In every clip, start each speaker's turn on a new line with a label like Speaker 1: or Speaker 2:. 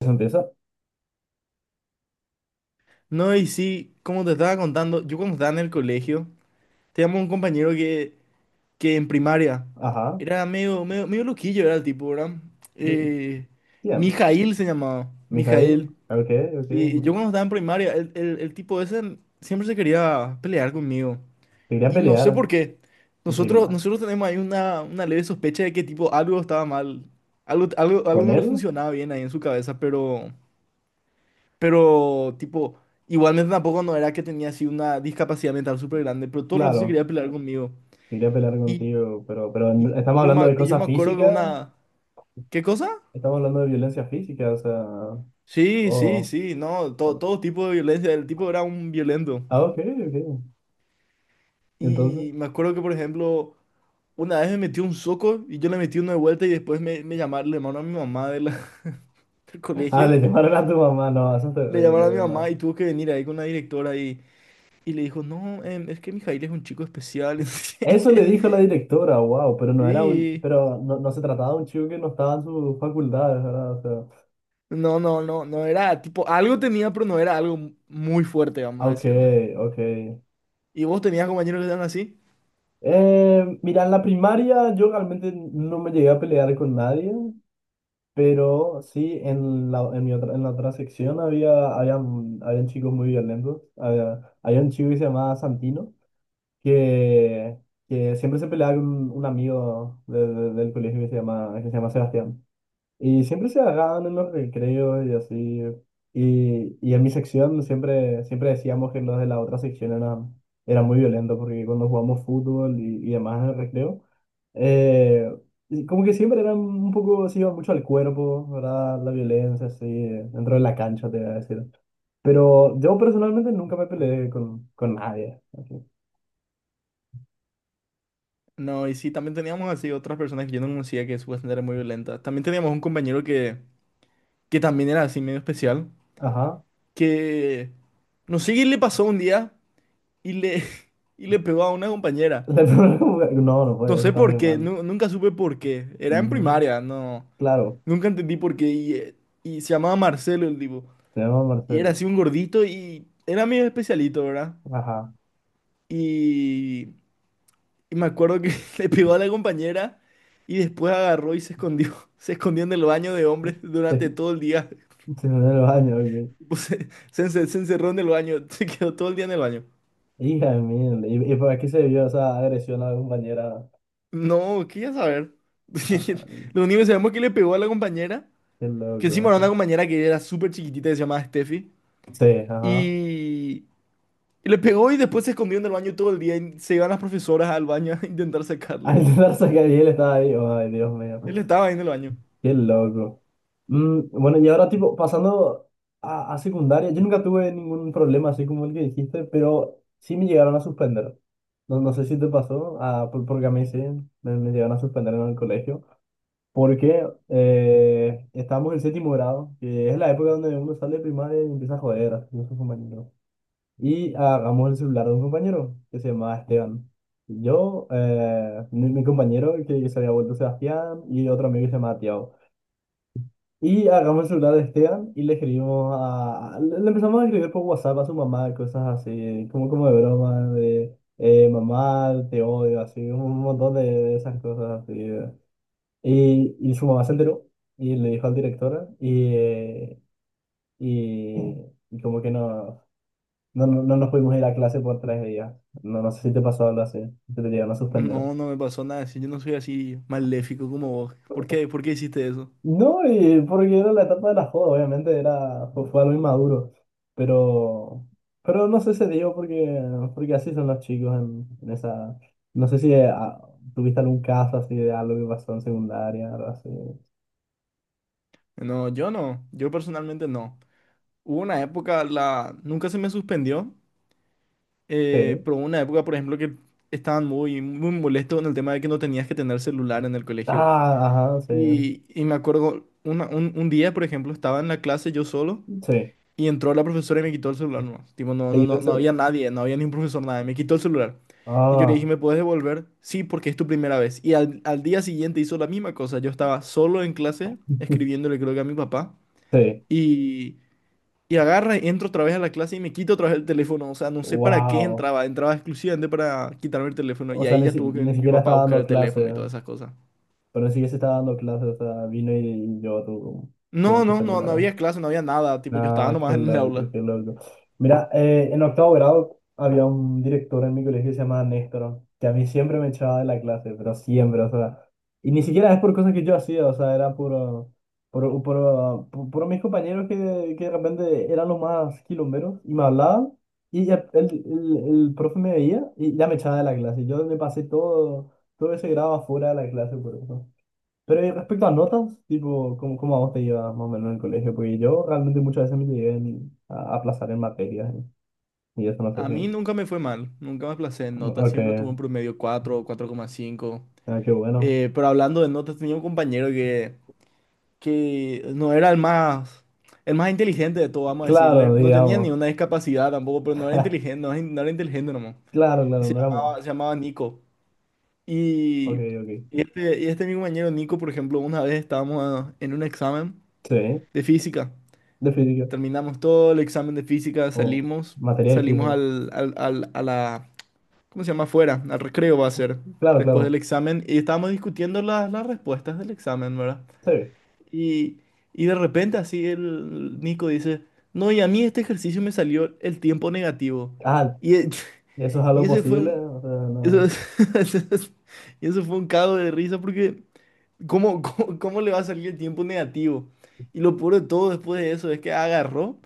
Speaker 1: Se empieza.
Speaker 2: No, y sí, como te estaba contando, yo cuando estaba en el colegio, teníamos un compañero que en primaria
Speaker 1: Ajá.
Speaker 2: era medio loquillo, era el tipo, ¿verdad?
Speaker 1: Eh,
Speaker 2: Eh,
Speaker 1: Bien.
Speaker 2: Mijail se llamaba,
Speaker 1: Mijail.
Speaker 2: Mijail.
Speaker 1: Ok, ok.
Speaker 2: Y yo cuando estaba en primaria, el tipo ese siempre se quería pelear conmigo.
Speaker 1: Te iría a
Speaker 2: Y no sé
Speaker 1: pelear.
Speaker 2: por qué.
Speaker 1: en prim-
Speaker 2: Nosotros tenemos ahí una leve sospecha de que tipo algo estaba mal, algo
Speaker 1: ¿Con
Speaker 2: no le
Speaker 1: él?
Speaker 2: funcionaba bien ahí en su cabeza, pero... Pero, tipo, igualmente tampoco no era que tenía así una discapacidad mental súper grande, pero todo el rato se
Speaker 1: Claro.
Speaker 2: quería pelear conmigo.
Speaker 1: Te iría a pelear
Speaker 2: Y,
Speaker 1: contigo. Pero estamos hablando de
Speaker 2: y yo me
Speaker 1: cosas
Speaker 2: acuerdo que
Speaker 1: físicas.
Speaker 2: una... ¿Qué cosa?
Speaker 1: Estamos hablando de violencia física. O sea.
Speaker 2: Sí, sí,
Speaker 1: Oh.
Speaker 2: sí, no, todo,
Speaker 1: Bueno.
Speaker 2: todo tipo de violencia, el tipo era un violento.
Speaker 1: Ok, ok. Entonces.
Speaker 2: Y me acuerdo que, por ejemplo, una vez me metió un soco y yo le metí uno de vuelta y después me llamaron, le llamaron a mi mamá de la- del
Speaker 1: Ah, le
Speaker 2: colegio,
Speaker 1: llamaron a tu mamá. No, eso es
Speaker 2: le
Speaker 1: terrible,
Speaker 2: llamaron a mi
Speaker 1: mamá.
Speaker 2: mamá y tuvo que venir ahí con la directora y le dijo, no, es que Mijail es un chico especial.
Speaker 1: Eso le dijo la directora. Wow. Pero no era un.
Speaker 2: Sí.
Speaker 1: Pero no, no se trataba de un chico que no estaba en sus facultades, ¿verdad? O sea.
Speaker 2: No, no, no, no era tipo, algo tenía, pero no era algo muy fuerte, vamos a
Speaker 1: Ok,
Speaker 2: decirle.
Speaker 1: ok.
Speaker 2: ¿Y vos tenías compañeros que eran así?
Speaker 1: Mira, en la primaria yo realmente no me llegué a pelear con nadie, pero sí en la otra sección habían chicos muy violentos. Había un chico que se llamaba Santino, que, que siempre se peleaba con un amigo del colegio que se llama Sebastián. Y siempre se agarraban en los recreos y así. Y en mi sección siempre decíamos que los de la otra sección eran muy violentos porque cuando jugamos fútbol y demás en el recreo, eh, y como que siempre eran un poco, se iba mucho al cuerpo, ¿verdad? La violencia, así, dentro de la cancha, te voy a decir. Pero yo personalmente nunca me peleé con nadie, así.
Speaker 2: No, y sí, también teníamos así otras personas que yo no conocía que supuestamente eran muy violentas. También teníamos un compañero que también era así medio especial,
Speaker 1: Ajá.
Speaker 2: que no sé qué le pasó un día y le, y le pegó a una compañera.
Speaker 1: No, no puede,
Speaker 2: No
Speaker 1: eso
Speaker 2: sé
Speaker 1: está
Speaker 2: por
Speaker 1: muy
Speaker 2: qué,
Speaker 1: mal.
Speaker 2: nunca supe por qué. Era en
Speaker 1: Ujú.
Speaker 2: primaria, no,
Speaker 1: Claro,
Speaker 2: nunca entendí por qué. Y se llamaba Marcelo el tipo.
Speaker 1: tenemos a
Speaker 2: Y era
Speaker 1: Marcelo.
Speaker 2: así un gordito y era medio especialito, ¿verdad?
Speaker 1: Ajá.
Speaker 2: Y, y me acuerdo que le pegó a la compañera y después agarró y se escondió. Se escondió en el baño de hombres durante
Speaker 1: Se,
Speaker 2: todo el día.
Speaker 1: se fue en los años, ok.
Speaker 2: Tipo, se encerró en el baño, se quedó todo el día en el baño.
Speaker 1: Hija de mierda. ¿Y por aquí se vio esa agresión a la compañera?
Speaker 2: No, quería saber.
Speaker 1: Ah, ah,
Speaker 2: Lo único que sabemos es que le pegó a la compañera,
Speaker 1: qué
Speaker 2: que
Speaker 1: loco,
Speaker 2: encima era una
Speaker 1: macho.
Speaker 2: compañera que era súper chiquitita, que se llamaba Steffi.
Speaker 1: Sí, ajá.
Speaker 2: Y, y le pegó y después se escondió en el baño todo el día. Y se iban las profesoras al baño a intentar
Speaker 1: Al
Speaker 2: sacarle.
Speaker 1: intentar sacar y él estaba ahí. Ay, Dios mío.
Speaker 2: Él estaba ahí en el baño.
Speaker 1: Qué loco. Bueno, y ahora, tipo, pasando a secundaria, yo nunca tuve ningún problema así como el que dijiste, pero sí me llegaron a suspender. No, no sé si te pasó, porque a mí sí, me llegaron a suspender en el colegio. Porque estamos en séptimo grado, que es la época donde uno sale de primaria y empieza a joder a sus compañeros. Y agarramos el celular de un compañero que se llamaba Esteban. Yo, mi compañero que se había vuelto Sebastián y otro amigo que se llamaba Tiago. Y agarramos el celular de Esteban y le escribimos. Le empezamos a escribir por WhatsApp a su mamá, cosas así, como de broma, de mamá, te odio, así, un montón de esas cosas así. Y su mamá se enteró y le dijo al director y, y como que no nos pudimos ir a clase por 3 días. No, no sé si te pasó algo así, si te llegaron a suspender.
Speaker 2: No, no me pasó nada. Si yo no soy así maléfico como vos. ¿Por qué? ¿Por qué hiciste eso?
Speaker 1: No, y porque era la etapa de la joda, obviamente fue algo inmaduro, pero, pero no sé, se dio porque así son los chicos en esa. No sé si tuviste algún caso así de algo que pasó en secundaria, algo así.
Speaker 2: No, yo no. Yo personalmente no. Hubo una época, la... nunca se me suspendió,
Speaker 1: Sí.
Speaker 2: pero hubo una época, por ejemplo, que estaban muy molestos con el tema de que no tenías que tener celular en el colegio.
Speaker 1: Ah, ajá, sí.
Speaker 2: Y me acuerdo, un día, por ejemplo, estaba en la clase yo solo.
Speaker 1: Sí.
Speaker 2: Y entró la profesora y me quitó el celular nomás. Tipo, no,
Speaker 1: Te
Speaker 2: no,
Speaker 1: quitó
Speaker 2: no,
Speaker 1: el
Speaker 2: no había
Speaker 1: celular.
Speaker 2: nadie, no había ni un profesor, nadie. Me quitó el celular. Y yo le dije,
Speaker 1: Ah,
Speaker 2: ¿me puedes devolver? Sí, porque es tu primera vez. Y al día siguiente hizo la misma cosa. Yo estaba solo en clase, escribiéndole creo que a mi papá.
Speaker 1: sí.
Speaker 2: Y, y agarra, entro otra vez a la clase y me quito otra vez el teléfono. O sea, no sé para qué
Speaker 1: Wow.
Speaker 2: entraba. Entraba exclusivamente para quitarme el teléfono.
Speaker 1: O
Speaker 2: Y
Speaker 1: sea,
Speaker 2: ahí ya tuvo que
Speaker 1: ni
Speaker 2: venir mi
Speaker 1: siquiera
Speaker 2: papá a
Speaker 1: estaba
Speaker 2: buscar
Speaker 1: dando
Speaker 2: el
Speaker 1: clase,
Speaker 2: teléfono y todas esas cosas.
Speaker 1: pero ni siquiera se estaba dando clase, o sea, vino y llevó tu, tu,
Speaker 2: No,
Speaker 1: tu
Speaker 2: no, no, no
Speaker 1: celular.
Speaker 2: había clase, no había nada. Tipo, yo estaba
Speaker 1: Ah, qué
Speaker 2: nomás en el
Speaker 1: loco,
Speaker 2: aula.
Speaker 1: qué loco. Mira, en octavo grado había un director en mi colegio que se llamaba Néstor, que a mí siempre me echaba de la clase, pero siempre, o sea, y ni siquiera es por cosas que yo hacía, o sea, era por mis compañeros que de repente eran los más quilomberos y me hablaban, y ya el profe me veía y ya me echaba de la clase. Yo me pasé todo ese grado afuera de la clase por eso. Pero respecto a notas, tipo, ¿Cómo a vos te llevas más o menos en el colegio? Porque yo realmente muchas veces me llegué a aplazar en materias, ¿eh? Y eso no sé
Speaker 2: A mí
Speaker 1: si...
Speaker 2: nunca me fue mal, nunca me aplacé en
Speaker 1: No,
Speaker 2: notas, siempre tuve
Speaker 1: ok,
Speaker 2: un promedio 4 o 4,5.
Speaker 1: qué bueno.
Speaker 2: Pero hablando de notas, tenía un compañero que no era el más inteligente de todo, vamos a decirle.
Speaker 1: Claro,
Speaker 2: No tenía ni
Speaker 1: digamos.
Speaker 2: una discapacidad tampoco, pero no era inteligente, no, no era inteligente nomás.
Speaker 1: Claro,
Speaker 2: Y
Speaker 1: claro, no éramos.
Speaker 2: se llamaba Nico.
Speaker 1: Ok,
Speaker 2: Y,
Speaker 1: ok.
Speaker 2: y este mi compañero Nico, por ejemplo, una vez estábamos en un examen
Speaker 1: Sí,
Speaker 2: de física.
Speaker 1: definitivo.
Speaker 2: Terminamos todo el examen de física,
Speaker 1: O
Speaker 2: salimos,
Speaker 1: materia
Speaker 2: salimos
Speaker 1: difícil.
Speaker 2: a la ¿cómo se llama? Fuera, al recreo va a ser,
Speaker 1: Claro,
Speaker 2: después del
Speaker 1: claro.
Speaker 2: examen, y estábamos discutiendo las respuestas del examen, ¿verdad?
Speaker 1: Sí.
Speaker 2: Y, y de repente así el Nico dice, no, y a mí este ejercicio me salió el tiempo negativo.
Speaker 1: Ah,
Speaker 2: Y, e-
Speaker 1: eso es
Speaker 2: y
Speaker 1: algo
Speaker 2: ese fue
Speaker 1: posible.
Speaker 2: un...
Speaker 1: O sea,
Speaker 2: Eso,
Speaker 1: no.
Speaker 2: es- y eso fue un cago de risa porque ¿cómo, cómo, cómo le va a salir el tiempo negativo? Y lo peor de todo después de eso es que agarró.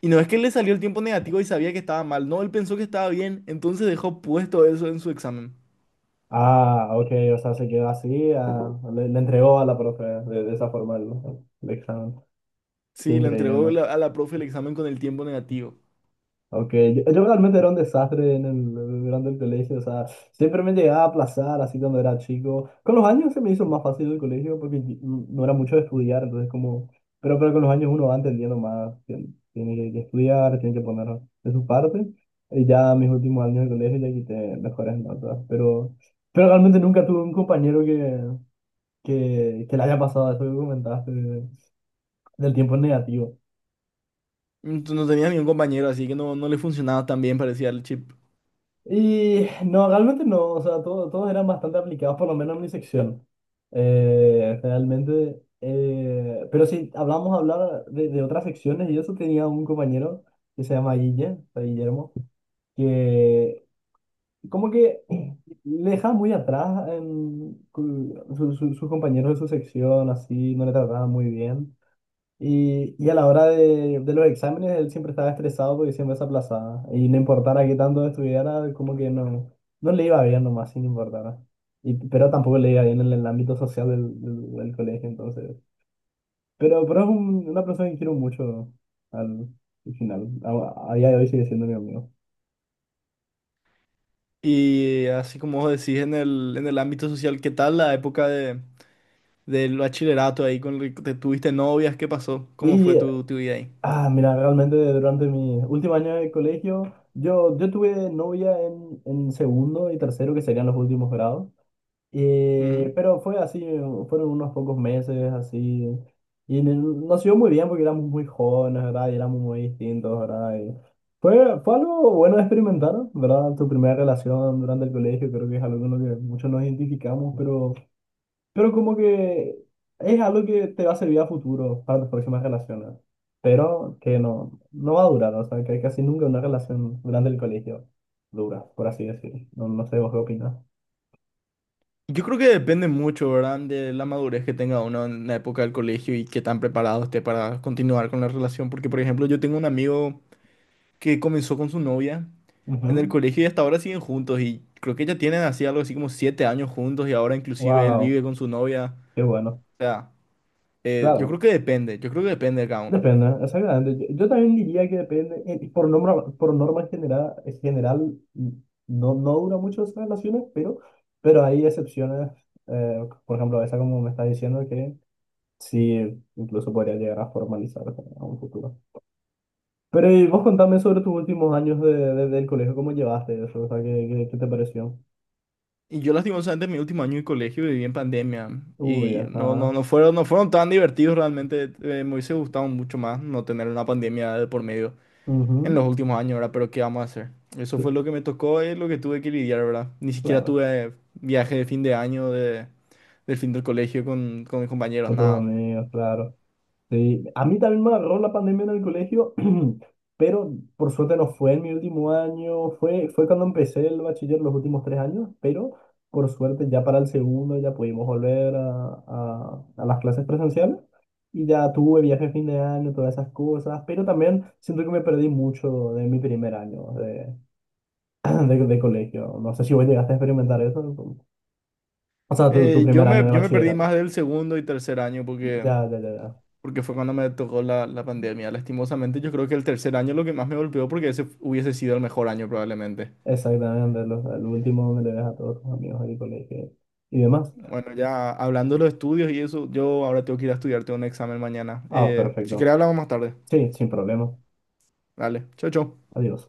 Speaker 2: Y no es que le salió el tiempo negativo y sabía que estaba mal, no, él pensó que estaba bien, entonces dejó puesto eso en su examen.
Speaker 1: Ah, ok, o sea, se quedó así. Le entregó a la profe de esa forma el examen. Qué
Speaker 2: Sí, le entregó
Speaker 1: increíble.
Speaker 2: a la profe el examen con el tiempo negativo.
Speaker 1: Ok, yo realmente era un desastre durante el colegio, o sea, siempre me llegaba a aplazar así cuando era chico. Con los años se me hizo más fácil el colegio porque no era mucho de estudiar, entonces como, pero con los años uno va entendiendo más, que tiene que estudiar, tiene que poner de su parte, y ya mis últimos años de colegio ya quité mejores notas, pero realmente nunca tuve un compañero que le haya pasado eso que comentaste, del tiempo negativo.
Speaker 2: Entonces, no tenía ningún compañero, así que no, no le funcionaba tan bien, parecía el chip.
Speaker 1: Y no, realmente no, o sea, todos eran bastante aplicados, por lo menos en mi sección. Realmente, pero si hablamos hablar de otras secciones, y eso tenía un compañero que se llama Guille, o sea, Guillermo, que como que le deja muy atrás en sus compañeros de su sección, así, no le trataba muy bien. Y a la hora de los exámenes, él siempre estaba estresado porque siempre se aplazaba. Y no importara qué tanto estudiara, como que no, no le iba bien nomás, sin importar. Pero tampoco le iba bien en el ámbito social del colegio, entonces. Pero es una persona que quiero mucho al, al final. A día de hoy sigue siendo mi amigo.
Speaker 2: Y así como vos decís en en el ámbito social, ¿qué tal la época de, del bachillerato ahí con el que te tuviste novias? ¿Qué pasó? ¿Cómo fue
Speaker 1: Y,
Speaker 2: tu, tu vida ahí?
Speaker 1: Mira, realmente durante mi último año de colegio, yo tuve novia en segundo y tercero, que serían los últimos grados.
Speaker 2: Ujú.
Speaker 1: Pero fue así, fueron unos pocos meses así. Y nos iba muy bien porque éramos muy jóvenes, ¿verdad? Y éramos muy distintos, ¿verdad? Y fue, fue, algo bueno de experimentar, ¿verdad? Tu primera relación durante el colegio, creo que es algo con lo que muchos nos identificamos, pero como que es algo que te va a servir a futuro para tus próximas relaciones. Pero que no, no va a durar, o sea, que casi nunca una relación durante el colegio dura, por así decirlo. No, no sé vos qué opinas.
Speaker 2: Yo creo que depende mucho, ¿verdad? De la madurez que tenga uno en la época del colegio y qué tan preparado esté para continuar con la relación. Porque, por ejemplo, yo tengo un amigo que comenzó con su novia en el colegio y hasta ahora siguen juntos y creo que ya tienen así algo así como 7 años juntos y ahora inclusive él
Speaker 1: Wow.
Speaker 2: vive con su novia.
Speaker 1: Qué bueno.
Speaker 2: O sea, yo creo
Speaker 1: Claro,
Speaker 2: que depende, yo creo que depende de cada uno.
Speaker 1: depende, exactamente. Yo también diría que depende, por norma general, general mm, no, no dura mucho esas relaciones, pero hay excepciones, eh, por ejemplo, esa como me está diciendo que sí, incluso podría llegar a formalizar a un futuro. Pero y vos contame sobre tus últimos años del colegio, ¿cómo llevaste eso? O sea, ¿Qué te pareció?
Speaker 2: Y yo lastimosamente en mi último año de colegio viví en pandemia
Speaker 1: Uy,
Speaker 2: y no, no,
Speaker 1: ajá.
Speaker 2: no fueron, no fueron tan divertidos realmente. Me hubiese gustado mucho más no tener una pandemia de por medio en
Speaker 1: Ujú,
Speaker 2: los últimos años, ¿verdad? Pero ¿qué vamos a hacer? Eso fue lo que me tocó y lo que tuve que lidiar, ¿verdad? Ni siquiera
Speaker 1: claro,
Speaker 2: tuve viaje de fin de año, de, del fin del colegio con mis compañeros,
Speaker 1: con tus
Speaker 2: nada.
Speaker 1: amigos, claro. Sí, a mí también me agarró la pandemia en el colegio, pero por suerte no fue en mi último año, fue, fue, cuando empecé el bachiller los últimos 3 años, pero por suerte ya para el segundo ya pudimos volver a las clases presenciales y ya tuve viaje de fin de año, todas esas cosas, pero también siento que me perdí mucho de mi primer año de, de colegio. No sé si vos llegaste a experimentar eso, o sea, tu primer año de
Speaker 2: Yo me perdí más
Speaker 1: bachillerato.
Speaker 2: del segundo y tercer año porque,
Speaker 1: Ya, ya, ya.
Speaker 2: porque fue cuando me tocó la, la pandemia. Lastimosamente, yo creo que el tercer año lo que más me golpeó porque ese hubiese sido el mejor año probablemente.
Speaker 1: Exactamente, los, al último me le ves a todos tus amigos ahí, colegio y demás.
Speaker 2: Bueno, ya hablando de los estudios y eso, yo ahora tengo que ir a estudiar, tengo un examen mañana.
Speaker 1: Ah,
Speaker 2: Si querés
Speaker 1: perfecto.
Speaker 2: hablamos más tarde.
Speaker 1: Sí, sin problema.
Speaker 2: Dale, chau, chau.
Speaker 1: Adiós.